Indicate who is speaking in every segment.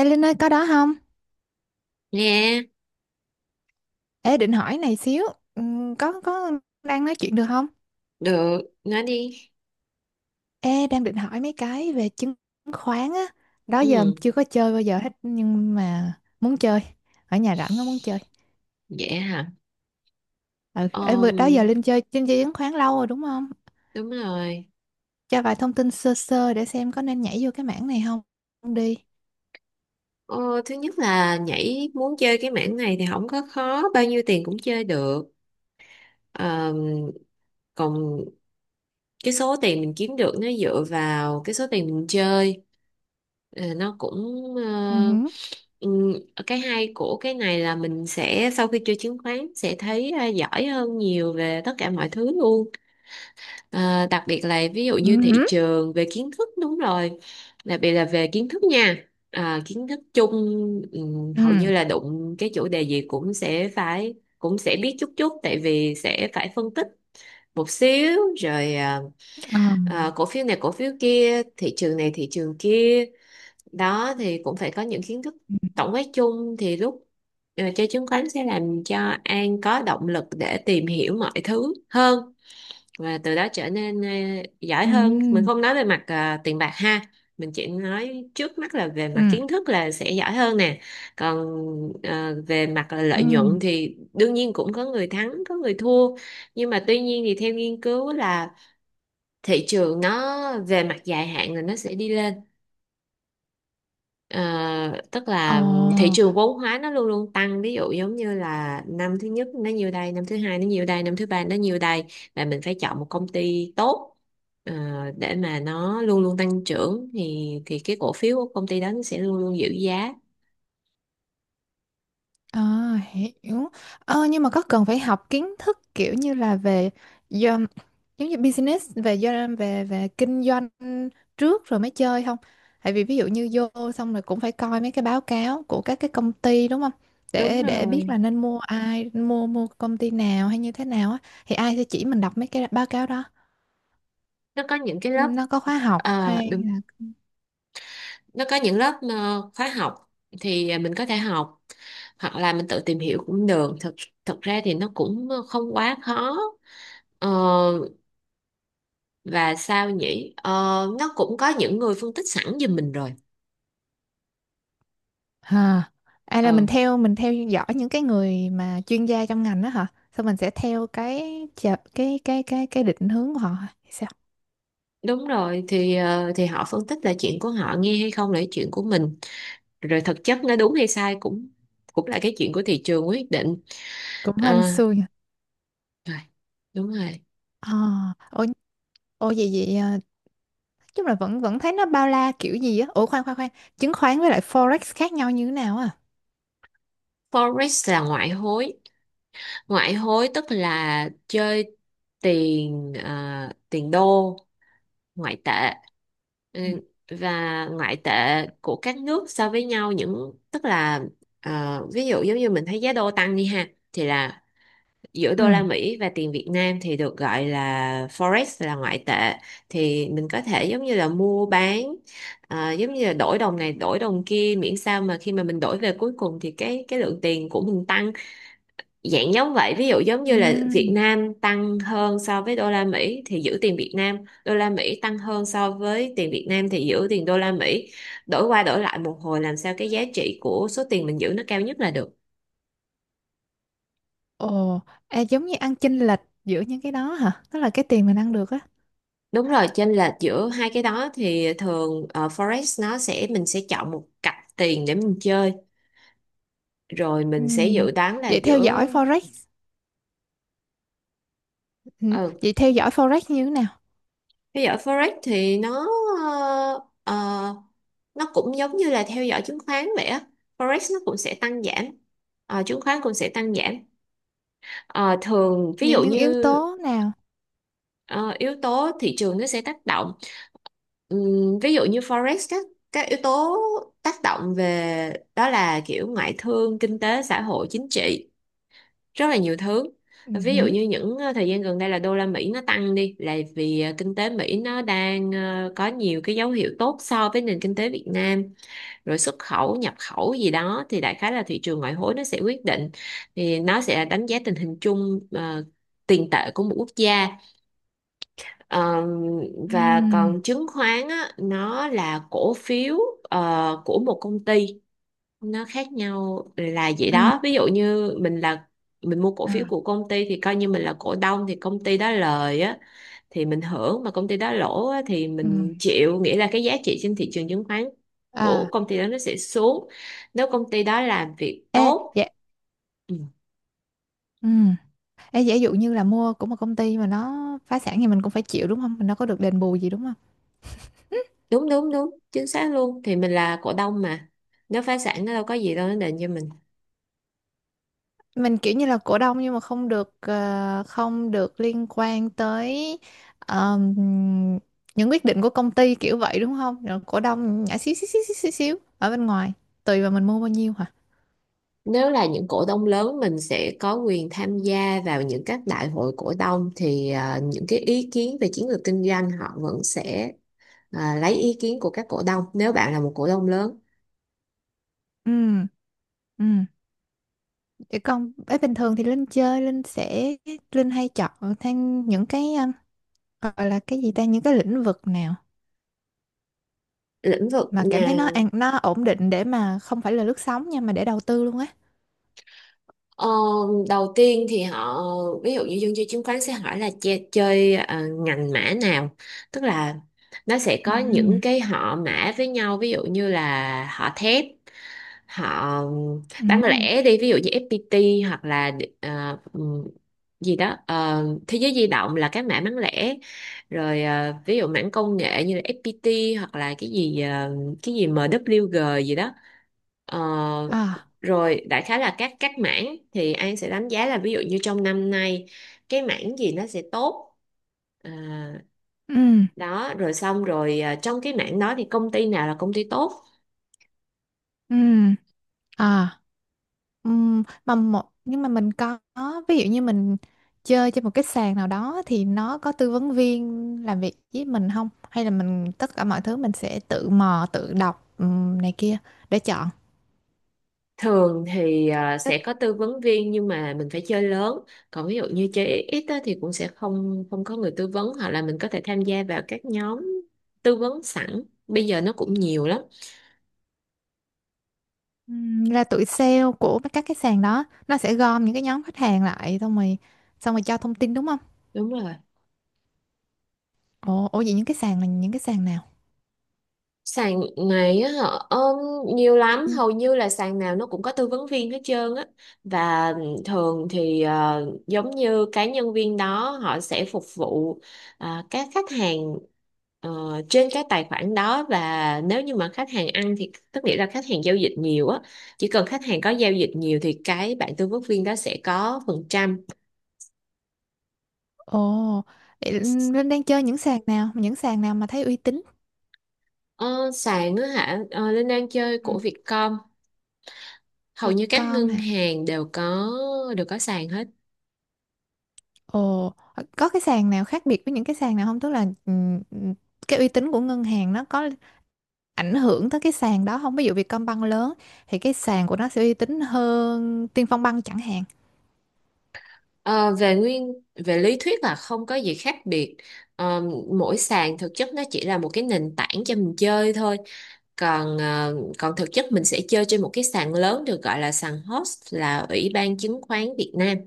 Speaker 1: Ê Linh ơi có đó không?
Speaker 2: Nghe,
Speaker 1: Ê định hỏi này xíu. Có đang nói chuyện được không?
Speaker 2: được, nói đi.
Speaker 1: Ê đang định hỏi mấy cái về chứng khoán á. Đó giờ
Speaker 2: Ừ,
Speaker 1: chưa có chơi bao giờ hết. Nhưng mà muốn chơi. Ở nhà rảnh có muốn chơi.
Speaker 2: vậy hả?
Speaker 1: Ừ. Ê vừa đó
Speaker 2: Ờm,
Speaker 1: giờ Linh chơi chứng khoán lâu rồi đúng không?
Speaker 2: Đúng rồi.
Speaker 1: Cho vài thông tin sơ sơ để xem có nên nhảy vô cái mảng này không đi.
Speaker 2: Ờ, Thứ nhất là nhảy muốn chơi cái mảng này thì không có khó, bao nhiêu tiền cũng chơi được. Ờm, Còn cái số tiền mình kiếm được nó dựa vào cái số tiền mình chơi. Nó cũng
Speaker 1: Ừ hử.
Speaker 2: ừm, cái hay của cái này là mình sẽ sau khi chơi chứng khoán sẽ thấy giỏi hơn nhiều về tất cả mọi thứ luôn. Ờ, Đặc biệt là ví dụ
Speaker 1: Ừ
Speaker 2: như thị
Speaker 1: hử.
Speaker 2: trường về kiến thức, đúng rồi, đặc biệt là về kiến thức nha, kiến thức chung. Hầu
Speaker 1: Ừ.
Speaker 2: như là đụng cái chủ đề gì cũng sẽ phải, cũng sẽ biết chút chút, tại vì sẽ phải phân tích một xíu rồi.
Speaker 1: Ờ.
Speaker 2: Cổ phiếu này cổ phiếu kia, thị trường này thị trường kia, đó thì cũng phải có những kiến thức tổng quát chung, thì lúc chơi chứng khoán sẽ làm cho An có động lực để tìm hiểu mọi thứ hơn, và từ đó trở nên giỏi
Speaker 1: Ừ.
Speaker 2: hơn. Mình không nói về mặt tiền bạc ha, mình chỉ nói trước mắt là về mặt
Speaker 1: Ừ.
Speaker 2: kiến thức là sẽ giỏi hơn nè. Còn về mặt
Speaker 1: Ừ.
Speaker 2: lợi nhuận thì đương nhiên cũng có người thắng có người thua. Nhưng mà tuy nhiên thì theo nghiên cứu là thị trường nó về mặt dài hạn là nó sẽ đi lên. Ờ, Tức
Speaker 1: Ờ.
Speaker 2: là thị trường vốn hóa nó luôn luôn tăng, ví dụ giống như là năm thứ nhất nó nhiêu đây, năm thứ hai nó nhiêu đây, năm thứ ba nó nhiêu đây, và mình phải chọn một công ty tốt ờ, để mà nó luôn luôn tăng trưởng, thì cái cổ phiếu của công ty đó nó sẽ luôn luôn giữ giá.
Speaker 1: À, hiểu. Nhưng mà có cần phải học kiến thức kiểu như là về do, giống như business về do về về kinh doanh trước rồi mới chơi không? Tại vì ví dụ như vô xong rồi cũng phải coi mấy cái báo cáo của các cái công ty đúng không?
Speaker 2: Đúng
Speaker 1: Để biết
Speaker 2: rồi.
Speaker 1: là nên mua ai, mua mua công ty nào hay như thế nào á, thì ai sẽ chỉ mình đọc mấy cái báo cáo đó.
Speaker 2: Nó có những cái lớp,
Speaker 1: Nó có khóa học hay là.
Speaker 2: đúng, nó có những lớp khóa học, thì mình có thể học, hoặc là mình tự tìm hiểu cũng được. Thực thực ra thì nó cũng không quá khó. Ờ, và sao nhỉ, nó cũng có những người phân tích sẵn giùm mình rồi.
Speaker 1: À, à là mình
Speaker 2: Ừ,
Speaker 1: theo mình theo dõi những cái người mà chuyên gia trong ngành đó hả? Xong mình sẽ theo cái cái định hướng của họ hả? Hay sao?
Speaker 2: đúng rồi, thì thì họ phân tích là chuyện của họ, nghe hay không là chuyện của mình, rồi thực chất nó đúng hay sai cũng cũng là cái chuyện của thị trường quyết định.
Speaker 1: Cũng hên
Speaker 2: à,
Speaker 1: xui nhỉ.
Speaker 2: Rồi đúng rồi.
Speaker 1: À, ồ, ồ vậy vậy à, chung là vẫn vẫn thấy nó bao la kiểu gì á. Ủa khoan khoan khoan, chứng khoán với lại forex khác nhau như thế nào à?
Speaker 2: Forex là ngoại hối, ngoại hối tức là chơi tiền, tiền đô, ngoại tệ. Ừ,
Speaker 1: Ừ.
Speaker 2: và ngoại tệ của các nước so với nhau, những tức là ví dụ giống như mình thấy giá đô tăng đi ha, thì là giữa
Speaker 1: Ừ.
Speaker 2: đô la Mỹ và tiền Việt Nam thì được gọi là forex, là ngoại tệ. Thì mình có thể giống như là mua bán, giống như là đổi đồng này đổi đồng kia, miễn sao mà khi mà mình đổi về cuối cùng thì cái lượng tiền của mình tăng. Dạng giống vậy, ví dụ giống
Speaker 1: Ừ.
Speaker 2: như là Việt Nam tăng hơn so với đô la Mỹ thì giữ tiền Việt Nam, đô la Mỹ tăng hơn so với tiền Việt Nam thì giữ tiền đô la Mỹ, đổi qua đổi lại một hồi làm sao cái giá trị của số tiền mình giữ nó cao nhất là được.
Speaker 1: Ồ, à, giống như ăn chênh lệch giữa những cái đó hả? Đó là cái tiền mình ăn được á.
Speaker 2: Đúng rồi, chênh lệch giữa hai cái đó thì thường forex nó sẽ, mình sẽ chọn một cặp tiền để mình chơi, rồi
Speaker 1: Ừ.
Speaker 2: mình sẽ dự đoán là
Speaker 1: Vậy theo
Speaker 2: giữa.
Speaker 1: dõi forex, ừ.
Speaker 2: ờ,
Speaker 1: Vậy theo dõi forex như thế nào?
Speaker 2: Theo dõi Forex thì nó ờ, ờ, nó cũng giống như là theo dõi chứng khoán vậy á. Forex nó cũng sẽ tăng giảm, chứng khoán cũng sẽ tăng giảm. Ờ, Thường ví
Speaker 1: Những
Speaker 2: dụ
Speaker 1: những
Speaker 2: như
Speaker 1: yếu tố nào?
Speaker 2: ờ, yếu tố thị trường nó sẽ tác động. Ví dụ như Forex các yếu tố tác động về đó là kiểu ngoại thương, kinh tế, xã hội, chính trị. Rất là nhiều thứ.
Speaker 1: Ừ.
Speaker 2: Ví dụ như những thời gian gần đây là đô la Mỹ nó tăng đi là vì kinh tế Mỹ nó đang có nhiều cái dấu hiệu tốt so với nền kinh tế Việt Nam, rồi xuất khẩu nhập khẩu gì đó, thì đại khái là thị trường ngoại hối nó sẽ quyết định, thì nó sẽ đánh giá tình hình chung tiền tệ của một quốc gia. Ờ, và còn
Speaker 1: Ừ.
Speaker 2: chứng khoán á, nó là cổ phiếu của một công ty, nó khác nhau là vậy
Speaker 1: Ừ.
Speaker 2: đó. Ví dụ như mình là mình mua cổ phiếu
Speaker 1: À.
Speaker 2: của công ty thì coi như mình là cổ đông, thì công ty đó lời á thì mình hưởng, mà công ty đó lỗ á thì
Speaker 1: Ừ.
Speaker 2: mình chịu, nghĩa là cái giá trị trên thị trường chứng khoán
Speaker 1: À,
Speaker 2: của công ty đó nó sẽ xuống nếu công ty đó làm việc
Speaker 1: ê,
Speaker 2: tốt.
Speaker 1: dạ.
Speaker 2: Ừ,
Speaker 1: Ừ. Ê, giả dụ như là mua của một công ty mà nó phá sản thì mình cũng phải chịu đúng không? Mình đâu có được đền bù gì đúng không?
Speaker 2: đúng đúng đúng, chính xác luôn, thì mình là cổ đông mà, nếu phá sản nó đâu có gì đâu nó đền cho mình.
Speaker 1: Mình kiểu như là cổ đông nhưng mà không được không được liên quan tới ờm, những quyết định của công ty kiểu vậy đúng không? Rồi cổ đông nhả xíu xíu xíu xíu xíu, xíu ở bên ngoài, tùy vào mình mua bao nhiêu hả?
Speaker 2: Nếu là những cổ đông lớn mình sẽ có quyền tham gia vào những các đại hội cổ đông, thì những cái ý kiến về chiến lược kinh doanh họ vẫn sẽ lấy ý kiến của các cổ đông nếu bạn là một cổ đông lớn.
Speaker 1: Ừ. Ừ. Để con ấy bình thường thì Linh chơi Linh sẽ Linh hay chọn thêm những cái gọi là cái gì ta, những cái lĩnh vực nào
Speaker 2: Lĩnh vực
Speaker 1: mà cảm thấy nó
Speaker 2: nào.
Speaker 1: an nó ổn định để mà không phải là lướt sóng nha mà để đầu tư luôn á.
Speaker 2: Ờ, Đầu tiên thì họ, ví dụ như dân chơi chứng khoán sẽ hỏi là chơi, ngành mã nào, tức là nó sẽ
Speaker 1: Ừ.
Speaker 2: có những cái họ mã với nhau, ví dụ như là họ thép, họ bán
Speaker 1: Ừ.
Speaker 2: lẻ đi, ví dụ như FPT hoặc là ờ, ừm, gì đó, thế giới di động là cái mã bán lẻ, rồi ví dụ mảng công nghệ như là FPT, hoặc là cái gì MWG gì đó. Ờ,
Speaker 1: À.
Speaker 2: Rồi đại khái là các mảng thì An sẽ đánh giá là ví dụ như trong năm nay cái mảng gì nó sẽ tốt. À,
Speaker 1: Ừ.
Speaker 2: Đó rồi xong rồi, trong cái mảng đó thì công ty nào là công ty tốt.
Speaker 1: Ừ. À. Ừ. Mà một nhưng mà mình có, ví dụ như mình chơi trên một cái sàn nào đó thì nó có tư vấn viên làm việc với mình không, hay là mình tất cả mọi thứ mình sẽ tự mò tự đọc này kia để chọn.
Speaker 2: Thường thì sẽ có tư vấn viên nhưng mà mình phải chơi lớn. Còn ví dụ như chơi ít ít á thì cũng sẽ không không có người tư vấn, hoặc là mình có thể tham gia vào các nhóm tư vấn sẵn. Bây giờ nó cũng nhiều lắm.
Speaker 1: Là tụi sale của các cái sàn đó nó sẽ gom những cái nhóm khách hàng lại xong rồi cho thông tin đúng không?
Speaker 2: Đúng rồi.
Speaker 1: Ồ, ồ vậy những cái sàn là những cái sàn nào?
Speaker 2: Sàn này á họ ôm nhiều lắm,
Speaker 1: Ừ.
Speaker 2: hầu như là sàn nào nó cũng có tư vấn viên hết trơn á. Và thường thì giống như cái nhân viên đó họ sẽ phục vụ các khách hàng ờ, trên cái tài khoản đó, và nếu như mà khách hàng ăn thì tức nghĩa là khách hàng giao dịch nhiều á, chỉ cần khách hàng có giao dịch nhiều thì cái bạn tư vấn viên đó sẽ có phần trăm.
Speaker 1: Ồ, vậy Linh đang chơi những sàn nào? Những sàn nào mà thấy uy tín?
Speaker 2: Ờ, Sàn á hả? Ờ, Linh đang chơi
Speaker 1: Ừ.
Speaker 2: của Vietcom, hầu như các
Speaker 1: Vietcom
Speaker 2: ngân
Speaker 1: hả?
Speaker 2: hàng đều có, đều có sàn hết.
Speaker 1: Ồ, có cái sàn nào khác biệt với những cái sàn nào không? Tức là cái uy tín của ngân hàng nó có ảnh hưởng tới cái sàn đó không? Ví dụ Vietcombank lớn thì cái sàn của nó sẽ uy tín hơn Tiên Phong Bank chẳng hạn.
Speaker 2: Ờ, về nguyên Về lý thuyết là không có gì khác biệt. Ờ, Mỗi sàn thực chất nó chỉ là một cái nền tảng cho mình chơi thôi. Còn thực chất mình sẽ chơi trên một cái sàn lớn được gọi là sàn host, là Ủy ban Chứng khoán Việt Nam.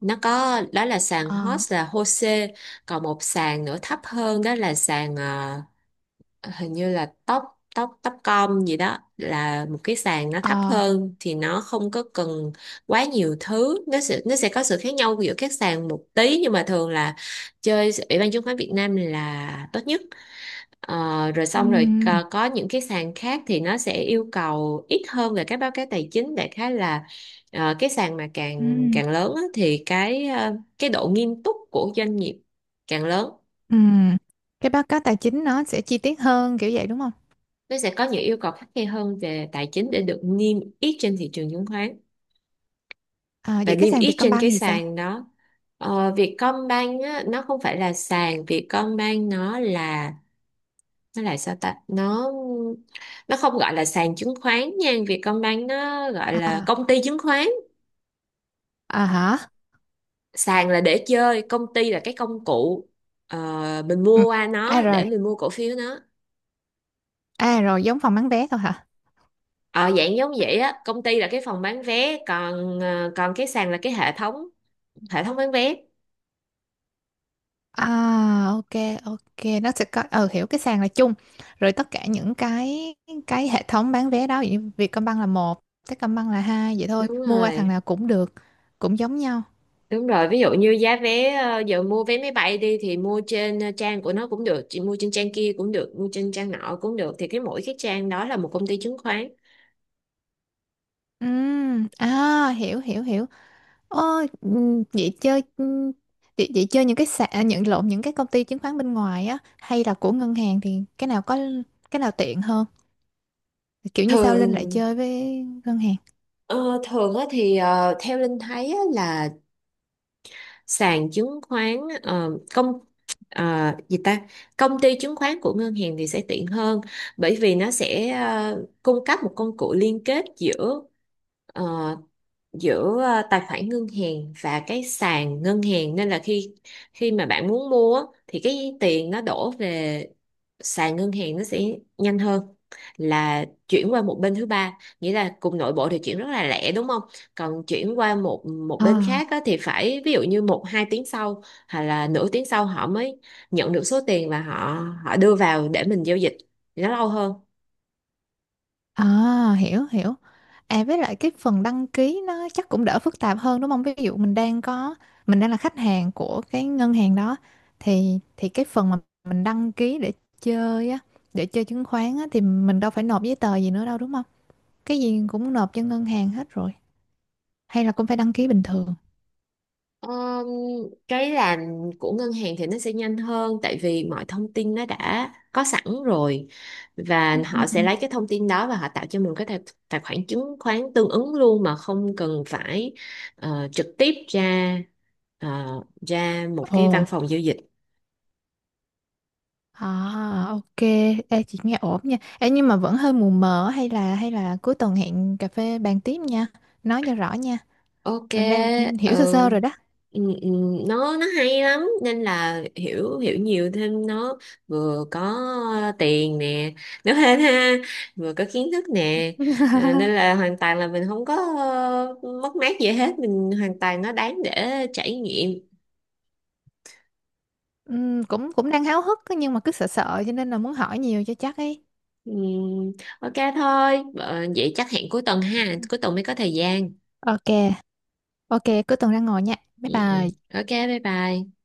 Speaker 2: Nó có, đó là sàn
Speaker 1: Ờ,
Speaker 2: host là HOSE. Còn một sàn nữa thấp hơn đó là sàn hình như là tóc, tóc tóc com gì đó, là một cái sàn nó thấp
Speaker 1: ờ.
Speaker 2: hơn thì nó không có cần quá nhiều thứ. Nó sẽ có sự khác nhau giữa các sàn một tí, nhưng mà thường là chơi Ủy ban chứng khoán Việt Nam là tốt nhất. Rồi
Speaker 1: Ừ.
Speaker 2: xong rồi, có những cái sàn khác thì nó sẽ yêu cầu ít hơn về các báo cáo tài chính, đại khái là cái sàn mà càng
Speaker 1: Ừm.
Speaker 2: càng lớn á, thì cái độ nghiêm túc của doanh nghiệp càng lớn,
Speaker 1: Ừm. Cái báo cáo tài chính nó sẽ chi tiết hơn kiểu vậy đúng không?
Speaker 2: nó sẽ có những yêu cầu khắt khe hơn về tài chính để được niêm yết trên thị trường chứng khoán
Speaker 1: À,
Speaker 2: và
Speaker 1: vậy cái
Speaker 2: niêm
Speaker 1: sàn
Speaker 2: yết trên
Speaker 1: Vietcombank
Speaker 2: cái
Speaker 1: thì sao?
Speaker 2: sàn đó. Vietcombank á, nó không phải là sàn Vietcombank, nó là sao ta, nó không gọi là sàn chứng khoán nha, Vietcombank nó gọi là
Speaker 1: À,
Speaker 2: công ty chứng khoán.
Speaker 1: à hả?
Speaker 2: Sàn là để chơi, công ty là cái công cụ, ờ, mình
Speaker 1: Ừ.
Speaker 2: mua qua
Speaker 1: À
Speaker 2: nó
Speaker 1: rồi,
Speaker 2: để mình mua cổ phiếu nó.
Speaker 1: à rồi giống phòng bán vé thôi hả?
Speaker 2: Ờ, Dạng giống vậy á, công ty là cái phòng bán vé, còn còn cái sàn là cái hệ thống, hệ thống bán vé.
Speaker 1: À, ok ok, nó sẽ có ờ hiểu cái sàn là chung, rồi tất cả những cái hệ thống bán vé đó, ví dụ như Vietcombank là một, Techcombank là hai, vậy thôi
Speaker 2: Đúng
Speaker 1: mua qua thằng
Speaker 2: rồi,
Speaker 1: nào cũng được, cũng giống nhau.
Speaker 2: đúng rồi. Ví dụ như giá vé, giờ mua vé máy bay đi thì mua trên trang của nó cũng được, chị mua trên trang kia cũng được, mua trên trang nọ cũng được. Thì cái mỗi cái trang đó là một công ty chứng khoán.
Speaker 1: Ừ, à hiểu hiểu hiểu. Ôi, vậy chơi vậy, vậy chơi những cái sàn à, nhận lộn những cái công ty chứng khoán bên ngoài á hay là của ngân hàng thì cái nào có cái nào tiện hơn? Kiểu như sao Linh lại
Speaker 2: Thường
Speaker 1: chơi với ngân hàng?
Speaker 2: ờ, Thường á thì theo Linh thấy á là sàn chứng khoán, ờ, công ờ, gì ta công ty chứng khoán của ngân hàng thì sẽ tiện hơn, bởi vì nó sẽ cung cấp một công cụ liên kết giữa, tài khoản ngân hàng và cái sàn ngân hàng, nên là khi, mà bạn muốn mua á, thì cái tiền nó đổ về sàn ngân hàng nó sẽ nhanh hơn là chuyển qua một bên thứ ba, nghĩa là cùng nội bộ thì chuyển rất là lẹ đúng không. Còn chuyển qua một một bên
Speaker 1: À,
Speaker 2: khác á, thì phải ví dụ như một hai tiếng sau hoặc là nửa tiếng sau họ mới nhận được số tiền và họ họ đưa vào để mình giao dịch thì nó lâu hơn.
Speaker 1: à hiểu hiểu. À với lại cái phần đăng ký nó chắc cũng đỡ phức tạp hơn đúng không? Ví dụ mình đang có mình đang là khách hàng của cái ngân hàng đó thì cái phần mà mình đăng ký để chơi á, để chơi chứng khoán á thì mình đâu phải nộp giấy tờ gì nữa đâu đúng không? Cái gì cũng nộp cho ngân hàng hết rồi. Hay là cũng phải đăng ký bình thường.
Speaker 2: Ờm, cái làm của ngân hàng thì nó sẽ nhanh hơn, tại vì mọi thông tin nó đã có sẵn rồi, và
Speaker 1: Ừ.
Speaker 2: họ sẽ lấy cái thông tin đó và họ tạo cho mình cái tài khoản chứng khoán tương ứng luôn, mà không cần phải trực tiếp ờ, ra một
Speaker 1: Ồ,
Speaker 2: cái văn phòng giao dịch.
Speaker 1: à, ok. Ê, chị nghe ổn nha. Ê, nhưng mà vẫn hơi mù mờ, hay là cuối tuần hẹn cà phê bàn tiếp nha, nói cho rõ nha.
Speaker 2: Ok,
Speaker 1: Rồi đang
Speaker 2: ừ.
Speaker 1: hiểu sơ sơ rồi đó.
Speaker 2: Ừ, ừ, nó hay lắm nên là hiểu hiểu nhiều thêm, nó vừa có tiền nè, nó hên ha, vừa có kiến thức nè. Nên là hoàn toàn là mình không có mất mát gì hết, mình hoàn toàn nó đáng để trải nghiệm.
Speaker 1: Cũng cũng đang háo hức á, nhưng mà cứ sợ sợ cho nên là muốn hỏi nhiều cho chắc ấy.
Speaker 2: Ừ, ok thôi, vậy chắc hẹn cuối tuần ha, cuối tuần mới có thời gian.
Speaker 1: Ok, ok, cuối tuần ra ngồi nha, bye
Speaker 2: Ừ, ừ.
Speaker 1: bye.
Speaker 2: Ok, bye bye.